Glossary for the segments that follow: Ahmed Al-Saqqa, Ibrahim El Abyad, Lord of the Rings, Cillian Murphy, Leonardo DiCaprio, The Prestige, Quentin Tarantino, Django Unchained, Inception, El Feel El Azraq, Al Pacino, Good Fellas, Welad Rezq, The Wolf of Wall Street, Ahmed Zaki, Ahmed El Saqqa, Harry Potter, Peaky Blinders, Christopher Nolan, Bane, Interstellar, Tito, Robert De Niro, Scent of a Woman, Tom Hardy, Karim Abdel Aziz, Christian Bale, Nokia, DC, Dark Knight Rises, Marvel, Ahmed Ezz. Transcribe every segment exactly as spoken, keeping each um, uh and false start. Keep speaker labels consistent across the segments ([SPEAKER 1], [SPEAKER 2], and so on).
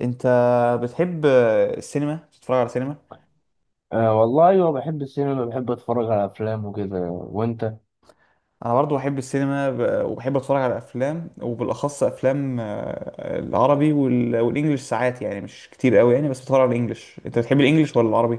[SPEAKER 1] انت بتحب السينما؟ بتتفرج على سينما؟
[SPEAKER 2] أه والله أيوة بحب السينما، بحب أتفرج على أفلام وكده. وأنت؟
[SPEAKER 1] انا برضو بحب السينما ب- وبحب اتفرج على افلام وبالاخص افلام آه، العربي وال- والانجليش ساعات يعني مش كتير قوي يعني، بس بتفرج على الانجليش. انت بتحب الانجليش ولا العربي؟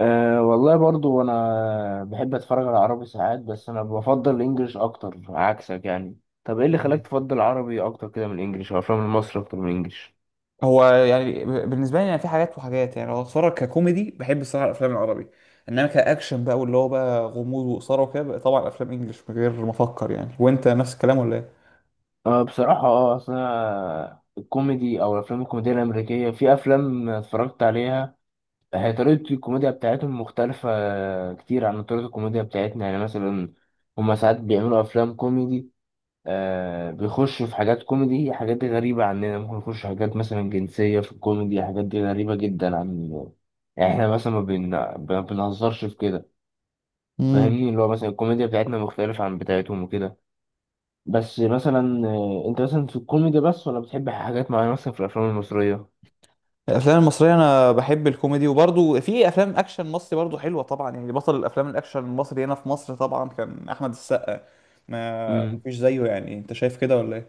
[SPEAKER 2] أه والله برضو أنا بحب أتفرج على عربي ساعات، بس أنا بفضل الإنجليش أكتر عكسك يعني. طب إيه اللي خلاك
[SPEAKER 1] مم.
[SPEAKER 2] تفضل العربي أكتر كده من الإنجليش، أو أفلام المصري أكتر من الإنجليش؟
[SPEAKER 1] هو يعني ب- بالنسبه لي يعني في حاجات وحاجات، يعني لو اتفرج ككوميدي بحب الصراحه الافلام العربي، انما كاكشن بقى واللي هو بقى غموض واثاره وكده بقى طبعا افلام انجليش من غير ما افكر يعني. وانت نفس الكلام ولا
[SPEAKER 2] أه بصراحة أه أصل أنا الكوميدي أو الأفلام الكوميدية الأمريكية، في أفلام اتفرجت عليها هي طريقة الكوميديا بتاعتهم مختلفة كتير عن طريقة الكوميديا بتاعتنا. يعني مثلا هما ساعات بيعملوا أفلام كوميدي، آه بيخشوا في حاجات كوميدي، حاجات دي غريبة عننا. ممكن يخشوا حاجات مثلا جنسية في الكوميدي، حاجات دي غريبة جدا عن، يعني احنا مثلا ما بن... ما بنهزرش في كده.
[SPEAKER 1] ايه؟
[SPEAKER 2] فاهمني، اللي هو مثلا الكوميديا بتاعتنا مختلفة عن بتاعتهم وكده. بس مثلا آه، انت مثلا في الكوميدي بس، ولا بتحب حاجات معينة مثلا في الأفلام المصرية؟
[SPEAKER 1] الافلام المصريه انا بحب الكوميدي، وبرضو في افلام اكشن مصري برضو حلوه طبعا يعني. بطل الافلام الاكشن المصري هنا في مصر طبعا كان احمد السقا، ما فيش زيه يعني. انت شايف كده ولا ايه؟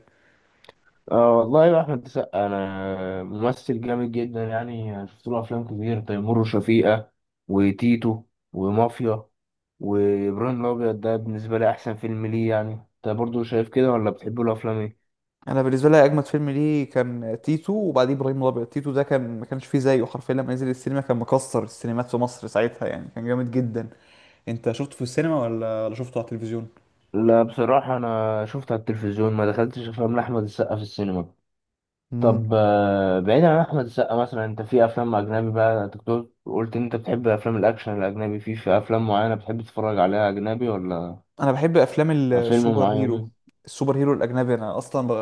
[SPEAKER 2] اه والله، يا احمد السقا، انا ممثل جامد جدا يعني. شفت له افلام كتير، تيمور وشفيقة، وتيتو، ومافيا، وابراهيم الابيض ده بالنسبه لي احسن فيلم ليه. يعني انت برضو شايف كده ولا بتحب له افلام ايه؟
[SPEAKER 1] انا بالنسبه لي اجمد فيلم ليه كان تيتو وبعديه ابراهيم الابيض. تيتو ده كان ما كانش فيه زيه حرفيا، لما نزل السينما كان مكسر السينمات في مصر ساعتها يعني، كان جامد جدا. انت شفته في السينما ولا ولا شفته على التلفزيون؟
[SPEAKER 2] لا بصراحه انا شفت على التلفزيون، ما دخلتش افلام لاحمد السقا في السينما. طب آه، بعيدا عن احمد السقا، مثلا انت في افلام اجنبي بقى، أنت كنت قلت ان انت بتحب افلام الاكشن الاجنبي، في في افلام معينه بتحب تتفرج عليها اجنبي ولا
[SPEAKER 1] انا بحب افلام
[SPEAKER 2] فيلم
[SPEAKER 1] السوبر هيرو.
[SPEAKER 2] معين؟
[SPEAKER 1] السوبر هيرو الاجنبي، انا اصلا ب...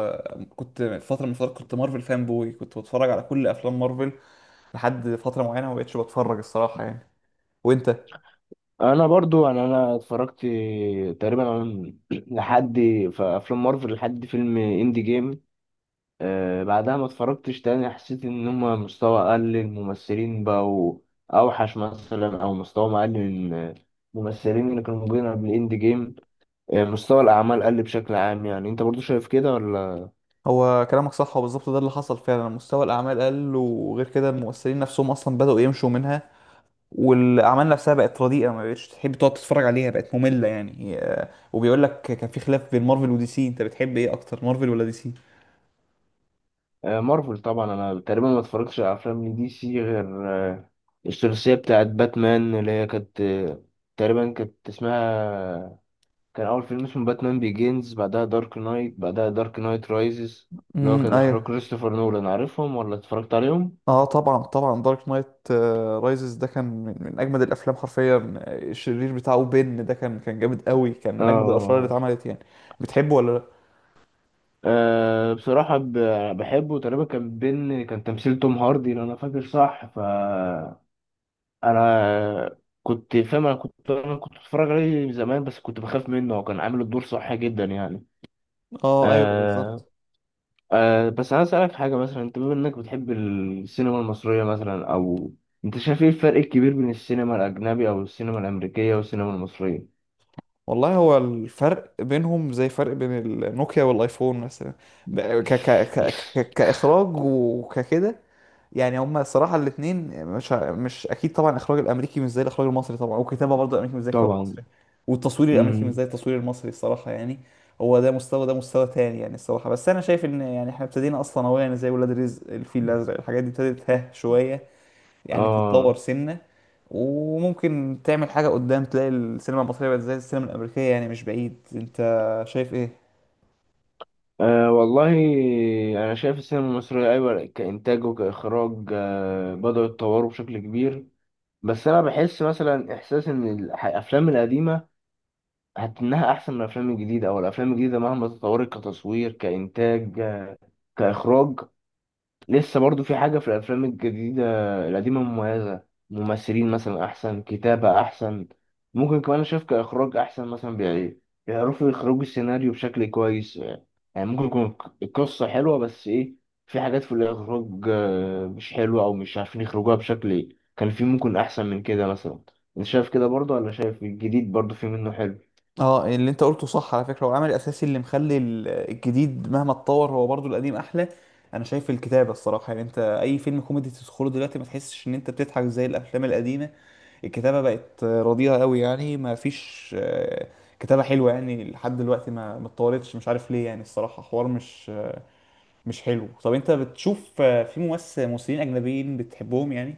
[SPEAKER 1] كنت فتره من الفترات كنت مارفل فان بوي، كنت بتفرج على كل افلام مارفل لحد فتره معينه، ما بقتش بتفرج الصراحه يعني. وانت؟
[SPEAKER 2] انا برضو يعني انا اتفرجت تقريبا عن- لحد، في افلام مارفل لحد فيلم اندي جيم. أه بعدها ما اتفرجتش تاني، حسيت ان هما مستوى اقل، الممثلين بقوا اوحش مثلا، او مستوى اقل من الممثلين اللي كانوا موجودين قبل اندي جيم. أه مستوى الاعمال قل بشكل عام. يعني انت برضو شايف كده ولا؟
[SPEAKER 1] هو كلامك صح وبالظبط ده اللي حصل فعلا، مستوى الاعمال قل، وغير كده الممثلين نفسهم اصلا بداوا يمشوا منها، والاعمال نفسها بقت رديئه، ما بقتش تحب تقعد تتفرج عليها بقت ممله يعني. آه، وبيقول لك كان في خلاف بين مارفل ودي سي، انت بتحب ايه اكتر مارفل ولا دي سي؟
[SPEAKER 2] أه مارفل طبعا. انا تقريبا ما اتفرجتش على افلام دي سي غير أه الثلاثيه بتاعت باتمان، اللي هي كانت آه، تقريبا كانت اسمها، كان أول فيلم اسمه باتمان بيجينز، بعدها دارك نايت، بعدها دارك نايت رايزز، اللي هو
[SPEAKER 1] امم،
[SPEAKER 2] كان إخراج
[SPEAKER 1] ايوه.
[SPEAKER 2] كريستوفر نولان. عارفهم ولا اتفرجت عليهم؟
[SPEAKER 1] اه طبعا طبعا، دارك نايت رايزز ده كان من, من اجمد الافلام حرفيا. الشرير بتاعه بين ده كان كان جامد قوي، كان من اجمد الافلام اللي
[SPEAKER 2] آه.
[SPEAKER 1] اتعملت يعني. بتحبه ولا لا؟
[SPEAKER 2] آه بصراحة ب- بحبه. تقريبا كان بين، كان تمثيل توم هاردي لو أنا فاكر صح. ف أنا كنت فاهم أنا كنت أنا كنت بتفرج عليه زمان، بس كنت بخاف منه، هو كان عامل الدور صح جدا يعني.
[SPEAKER 1] اه ايوه
[SPEAKER 2] آه.
[SPEAKER 1] بالظبط.
[SPEAKER 2] أه بس عايز أسألك حاجة، مثلا أنت بما إنك بتحب السينما المصرية مثلا، أو أنت شايف إيه الفرق الكبير بين السينما الأجنبي أو السينما الأمريكية والسينما المصرية؟
[SPEAKER 1] والله هو الفرق بينهم زي فرق بين النوكيا والايفون مثلا. ب- ك ك ك ك كاخراج وككده. يعني هما الصراحه الاثنين، مش ه- مش اكيد طبعا الاخراج الامريكي مش زي الاخراج المصري، طبعا والكتابه برضه الامريكي مش زي الكتابه
[SPEAKER 2] طبعا.
[SPEAKER 1] المصري. والتصوير الامريكي مش
[SPEAKER 2] امم
[SPEAKER 1] زي التصوير المصري الصراحه يعني. هو ده مستوى، ده مستوى تاني يعني الصراحه. بس انا شايف ان يعني احنا ابتدينا اصلا اهو يعني، زي ولاد رزق، الفيل الازرق، الحاجات دي ابتدت ها شويه يعني تتطور
[SPEAKER 2] آه.
[SPEAKER 1] سنه، وممكن تعمل حاجه قدام تلاقي السينما المصريه بقت زي السينما الامريكيه يعني، مش بعيد. انت شايف ايه؟
[SPEAKER 2] آه والله، أنا شايف السينما المصرية أيوة كإنتاج وكإخراج آه بدأوا يتطوروا بشكل كبير. بس أنا بحس مثلا إحساس إن الح- الأفلام القديمة هت- إنها أحسن من الأفلام الجديدة. أو الأفلام الجديدة مهما تطورت كتصوير كإنتاج كإخراج، لسه برضو في حاجة في الأفلام الجديدة، القديمة مميزة. ممثلين مثلا أحسن، كتابة أحسن، ممكن كمان شايف كإخراج أحسن مثلا. بي- بيعرفوا يخرجوا السيناريو بشكل كويس يعني. يعني ممكن يكون القصة حلوة بس إيه، في حاجات في الإخراج آه، مش حلوة، أو مش عارفين يخرجوها بشكل إيه، كان في ممكن أحسن من كده مثلا. أنت شايف كده برضو، ولا شايف الجديد برضو في منه حلو؟
[SPEAKER 1] اه، اللي انت قلته صح على فكرة. هو العمل الاساسي اللي مخلي ال- الجديد مهما اتطور هو برضو القديم احلى. انا شايف الكتابة الصراحة يعني، انت اي فيلم كوميدي تدخله دلوقتي ما تحسش ان انت بتضحك زي الافلام القديمة. الكتابة بقت رديئة قوي يعني، ما فيش آه، كتابة حلوة يعني لحد دلوقتي، ما ما اتطورتش مش عارف ليه يعني، الصراحة حوار مش مش حلو. طب انت بتشوف آه، في ممثل ممثلين اجنبيين بتحبهم يعني؟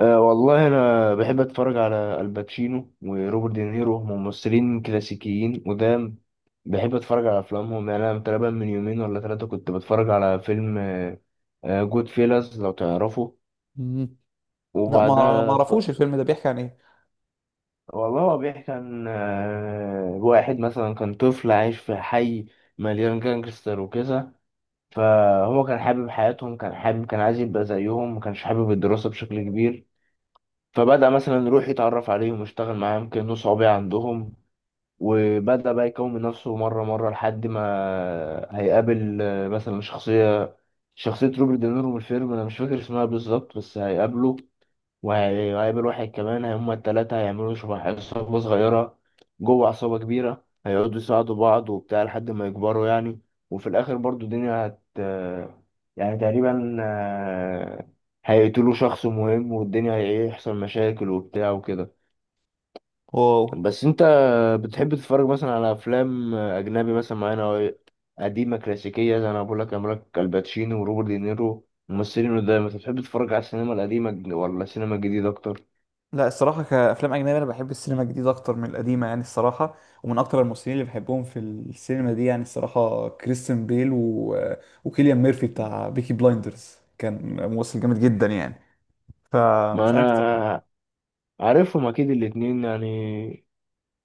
[SPEAKER 2] أه والله أنا بحب أتفرج على الباتشينو وروبرت دينيرو، هم ممثلين كلاسيكيين قدام، بحب أتفرج على أفلامهم يعني. أنا تقريبا من يومين ولا ثلاثة كنت بتفرج على فيلم جود فيلاز لو تعرفه.
[SPEAKER 1] مم. لا ما ما
[SPEAKER 2] وبعدها أتف...
[SPEAKER 1] اعرفوش، الفيلم ده بيحكي عن ايه؟
[SPEAKER 2] والله هو بيحكي عن آه، واحد مثلا كان طفل عايش في حي مليان جانجستر وكذا. فهو كان حابب حياتهم، كان حابب كان عايز يبقى زيهم، ما كانش حابب الدراسة بشكل كبير. فبدأ مثلا يروح يتعرف عليهم ويشتغل معاهم كأنه صعوبة عندهم. وبدأ بقى يكون من نفسه مرة مرة، لحد ما هيقابل آه، مثلا شخصية شخصية روبرت دينيرو من الفيلم، أنا مش فاكر اسمها بالظبط، بس هيقابله، وهيقابل واحد كمان، هما التلاتة هيعملوا شبه عصابة صغيرة جوه عصابة كبيرة. هيقعدوا يساعدوا بعض وبتاع لحد ما يكبروا يعني. وفي الآخر برضو الدنيا هت يعني تقريبا آه، هيقتلوا شخص مهم، والدنيا هيحصل مشاكل وبتاع وكده.
[SPEAKER 1] واو.
[SPEAKER 2] بس انت بتحب تتفرج مثلا على أفلام أجنبي مثلا معانا، أو قديمة كلاسيكية زي أنا بقول لك عمل لك الباتشينو وروبرت دينيرو ممثلين قدام؟ انت بتحب تتفرج على السينما القديمة ولا السينما الجديدة أكتر؟
[SPEAKER 1] لا، الصراحة كأفلام أجنبية أنا بحب السينما الجديدة أكتر من القديمة يعني الصراحة. ومن أكتر الممثلين اللي بحبهم في السينما دي يعني الصراحة كريستيان بيل و... وكيليان ميرفي بتاع بيكي بلايندرز، كان ممثل جامد جدا يعني.
[SPEAKER 2] ما
[SPEAKER 1] فمش عارف.
[SPEAKER 2] انا عارفهم اكيد الاتنين يعني.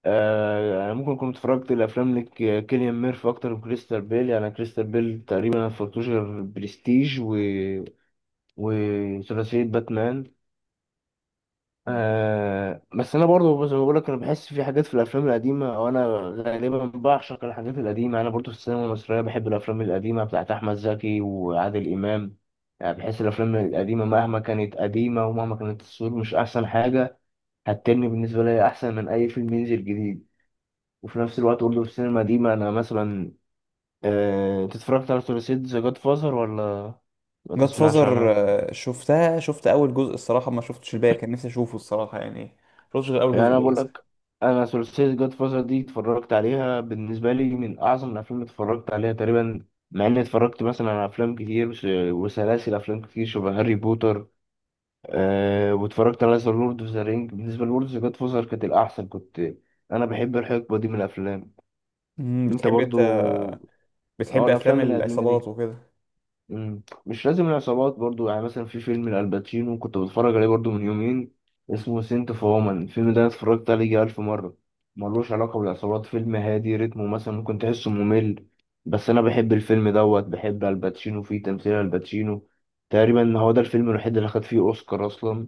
[SPEAKER 2] آه يعني ممكن كنت اتفرجت الافلام لك كيليان ميرفي اكتر من كريستال بيل يعني. كريستال بيل تقريبا ما اتفرجتوش غير برستيج و... وثلاثيه باتمان. آه بس انا برضو زي ما بقول لك، انا بحس في حاجات في الافلام القديمه، وانا غالبا بعشق الحاجات القديمه. انا برضو في السينما المصريه بحب الافلام القديمه بتاعت احمد زكي وعادل امام يعني. بحس الافلام القديمه مهما كانت قديمه، ومهما كانت الصور مش احسن حاجه، هتترمي بالنسبة لي أحسن من أي فيلم ينزل جديد. وفي نفس الوقت برضه في السينما دي، ما أنا مثلا، آه، أنت اتفرجت على ثلاثية ذا جاد فازر ولا ما
[SPEAKER 1] جاد
[SPEAKER 2] تسمعش
[SPEAKER 1] فازر؟
[SPEAKER 2] عنها؟
[SPEAKER 1] شفتها، شفت أول جزء الصراحة، ما شفتش الباقي. كان نفسي أشوفه الصراحة يعني. ما شفتش غير أول
[SPEAKER 2] يعني
[SPEAKER 1] جزء
[SPEAKER 2] أنا بقول
[SPEAKER 1] للأسف.
[SPEAKER 2] لك، أنا ثلاثية جاد فازر دي اتفرجت عليها، بالنسبة لي من أعظم الأفلام اللي اتفرجت عليها تقريبا. مع إني اتفرجت مثلا على أفلام كتير، وس- وسلاسل أفلام كتير شبه هاري بوتر. أه واتفرجت على ذا لورد أوف ذا رينج. بالنسبة لورد أوف ذا جاد فازر كانت الأحسن. كنت أنا بحب الحقبة دي من الأفلام.
[SPEAKER 1] أمم،
[SPEAKER 2] أنت
[SPEAKER 1] بتحب أنت
[SPEAKER 2] برضو؟ اه
[SPEAKER 1] بتحب أفلام
[SPEAKER 2] الافلام القديمه
[SPEAKER 1] العصابات
[SPEAKER 2] دي.
[SPEAKER 1] وكده؟
[SPEAKER 2] مم. مش لازم العصابات برضو يعني. مثلا في فيلم الالباتشينو كنت بتفرج عليه برضو من يومين، اسمه سنت اوف وومن، الفيلم ده أنا اتفرجت عليه يجي الف مره. ملوش علاقه بالعصابات، فيلم هادي رتمه، مثلا ممكن تحسه ممل، بس انا بحب الفيلم دوت، بحب الباتشينو فيه، تمثيل الباتشينو. تقريبا هو ده الفيلم الوحيد اللي خد فيه اوسكار اصلا.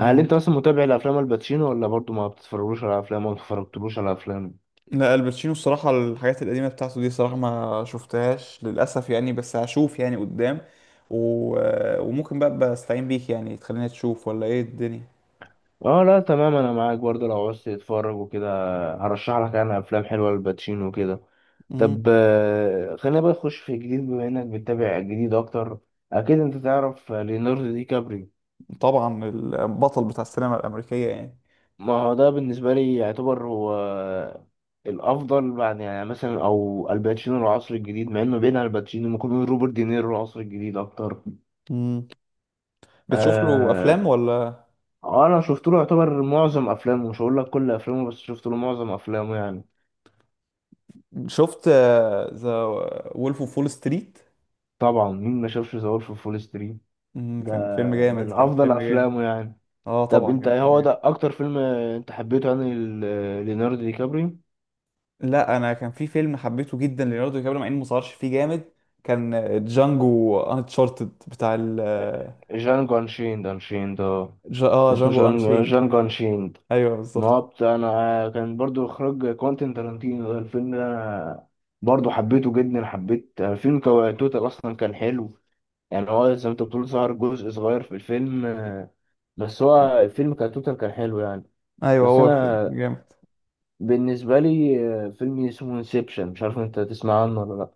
[SPEAKER 2] هل انت اصلا متابع لافلام الباتشينو ولا برضو ما بتتفرجوش على افلام ولا ما اتفرجتلوش على افلام؟
[SPEAKER 1] لا، الباتشينو الصراحة الحاجات القديمة بتاعته دي صراحة ما شفتهاش للأسف يعني، بس هشوف يعني قدام. و... وممكن بقى بستعين بيك يعني تخليني تشوف ولا ايه الدنيا.
[SPEAKER 2] اه لا تمام، انا معاك برضه. لو عاوز تتفرج وكده هرشح لك انا افلام حلوه للباتشينو وكده. طب
[SPEAKER 1] مهم.
[SPEAKER 2] آه، خلينا بقى نخش في الجديد، بما انك بتتابع الجديد اكتر. اكيد انت تعرف ليوناردو دي كابري.
[SPEAKER 1] طبعا، البطل بتاع السينما الأمريكية يعني.
[SPEAKER 2] ما هو ده بالنسبه لي يعتبر هو الافضل بعد، يعني مثلا او الباتشينو العصر الجديد، مع انه بين الباتشينو ممكن نقول روبرت دينيرو العصر الجديد اكتر.
[SPEAKER 1] مم. بتشوف له أفلام
[SPEAKER 2] آه.
[SPEAKER 1] ولا؟
[SPEAKER 2] آه، انا شفت له يعتبر معظم افلامه، مش هقول لك كل افلامه بس شفت له معظم افلامه يعني.
[SPEAKER 1] شفت ذا وولف اوف وول ستريت.
[SPEAKER 2] طبعا مين ما شافش ذا وولف فول ستريت ده،
[SPEAKER 1] كان فيلم جامد،
[SPEAKER 2] من
[SPEAKER 1] كان
[SPEAKER 2] افضل
[SPEAKER 1] فيلم جامد.
[SPEAKER 2] افلامه يعني.
[SPEAKER 1] اه
[SPEAKER 2] طب
[SPEAKER 1] طبعا
[SPEAKER 2] انت
[SPEAKER 1] كان
[SPEAKER 2] ايه
[SPEAKER 1] فيلم
[SPEAKER 2] هو ده
[SPEAKER 1] جامد.
[SPEAKER 2] اكتر فيلم انت حبيته يعني ل- ليوناردو دي كابريو؟
[SPEAKER 1] لا، انا كان في فيلم حبيته جدا ليوناردو دي كابريو مع انه ما ظهرش فيه جامد. كان جانجو انشارتد بتاع ال.
[SPEAKER 2] جانجو انشيند انشيند اه
[SPEAKER 1] جا... اه،
[SPEAKER 2] اسمه
[SPEAKER 1] جانجو
[SPEAKER 2] جانجو،
[SPEAKER 1] انشين.
[SPEAKER 2] جانجو انشيند.
[SPEAKER 1] ايوه
[SPEAKER 2] ما هو
[SPEAKER 1] بالظبط.
[SPEAKER 2] بتاع انا، كان برضو اخراج كوانتين تارانتينو، ده الفيلم ده انا برضو حبيته جدا، حبيت الفيلم كو- توتال اصلا كان حلو يعني. هو زي ما انت بتقول ظهر جزء صغير في الفيلم آه، بس هو الفيلم كتوتال كان حلو يعني.
[SPEAKER 1] ايوه،
[SPEAKER 2] بس
[SPEAKER 1] هو فيلم
[SPEAKER 2] انا
[SPEAKER 1] جامد.
[SPEAKER 2] بالنسبة لي آه، فيلم اسمه انسبشن، مش عارف انت تسمع عنه ولا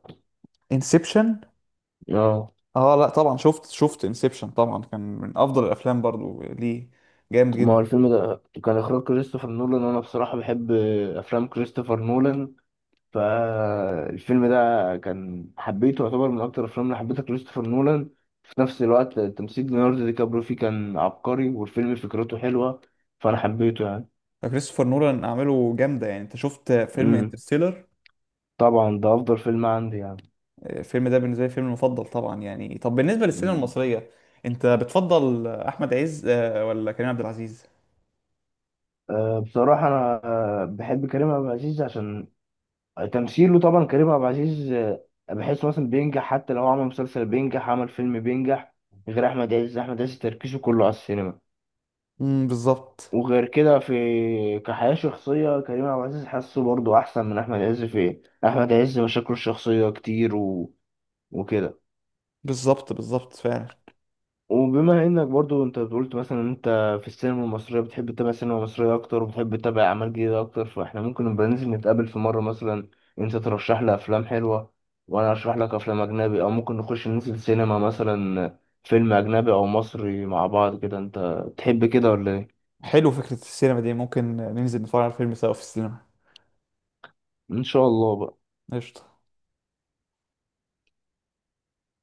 [SPEAKER 1] انسبشن؟
[SPEAKER 2] لأ؟ اه
[SPEAKER 1] اه لا طبعا، شفت شفت انسبشن طبعا، كان من افضل الافلام برضو ليه، جامد
[SPEAKER 2] ما هو
[SPEAKER 1] جدا.
[SPEAKER 2] الفيلم ده كان إخراج كريستوفر نولان، وأنا بصراحة بحب آه، أفلام كريستوفر نولان. فالفيلم ده كان حبيته، يعتبر من أكتر الأفلام اللي حبيتها كريستوفر نولان. في نفس الوقت تمثيل ليوناردو دي كابريو فيه كان عبقري، والفيلم فكرته حلوة، فأنا حبيته يعني.
[SPEAKER 1] كريستوفر نولان اعماله جامده يعني. انت شفت فيلم
[SPEAKER 2] امم
[SPEAKER 1] انترستيلر؟
[SPEAKER 2] طبعا ده أفضل فيلم عندي يعني.
[SPEAKER 1] الفيلم ده بالنسبه لي فيلم المفضل طبعا يعني. طب بالنسبه للسينما
[SPEAKER 2] مم.
[SPEAKER 1] المصريه، انت بتفضل احمد عز آه، ولا كريم عبد العزيز؟
[SPEAKER 2] أه بصراحة أنا أه بحب كريم عبد العزيز عشان تمثيله. طبعا كريم عبد العزيز آه، بحس مثلا بينجح، حتى لو عمل مسلسل بينجح، عمل فيلم بينجح. غير احمد عز، احمد عز تركيزه كله على السينما.
[SPEAKER 1] امم، بالظبط.
[SPEAKER 2] وغير كده في كحياة شخصية كريم عبد العزيز حاسه برضه أحسن من أحمد عز في إيه؟ أحمد عز مشاكله الشخصية كتير و... وكده.
[SPEAKER 1] بالظبط، بالظبط فعلا.
[SPEAKER 2] وبما انك برضو انت قلت مثلا إن انت في السينما المصرية بتحب تتابع السينما المصرية اكتر، وبتحب تتابع اعمال جديدة اكتر، فاحنا ممكن نبقى ننزل نتقابل في مرة مثلا، انت ترشح لي افلام حلوة وانا ارشح لك افلام اجنبي، او ممكن نخش ننزل سينما مثلا فيلم اجنبي او مصري مع بعض كده. انت تحب كده ولا ايه؟
[SPEAKER 1] حلو، فكرة السينما دي ممكن ننزل نتفرج على الفيلم سوا في السينما.
[SPEAKER 2] ان شاء الله بقى.
[SPEAKER 1] قشطة.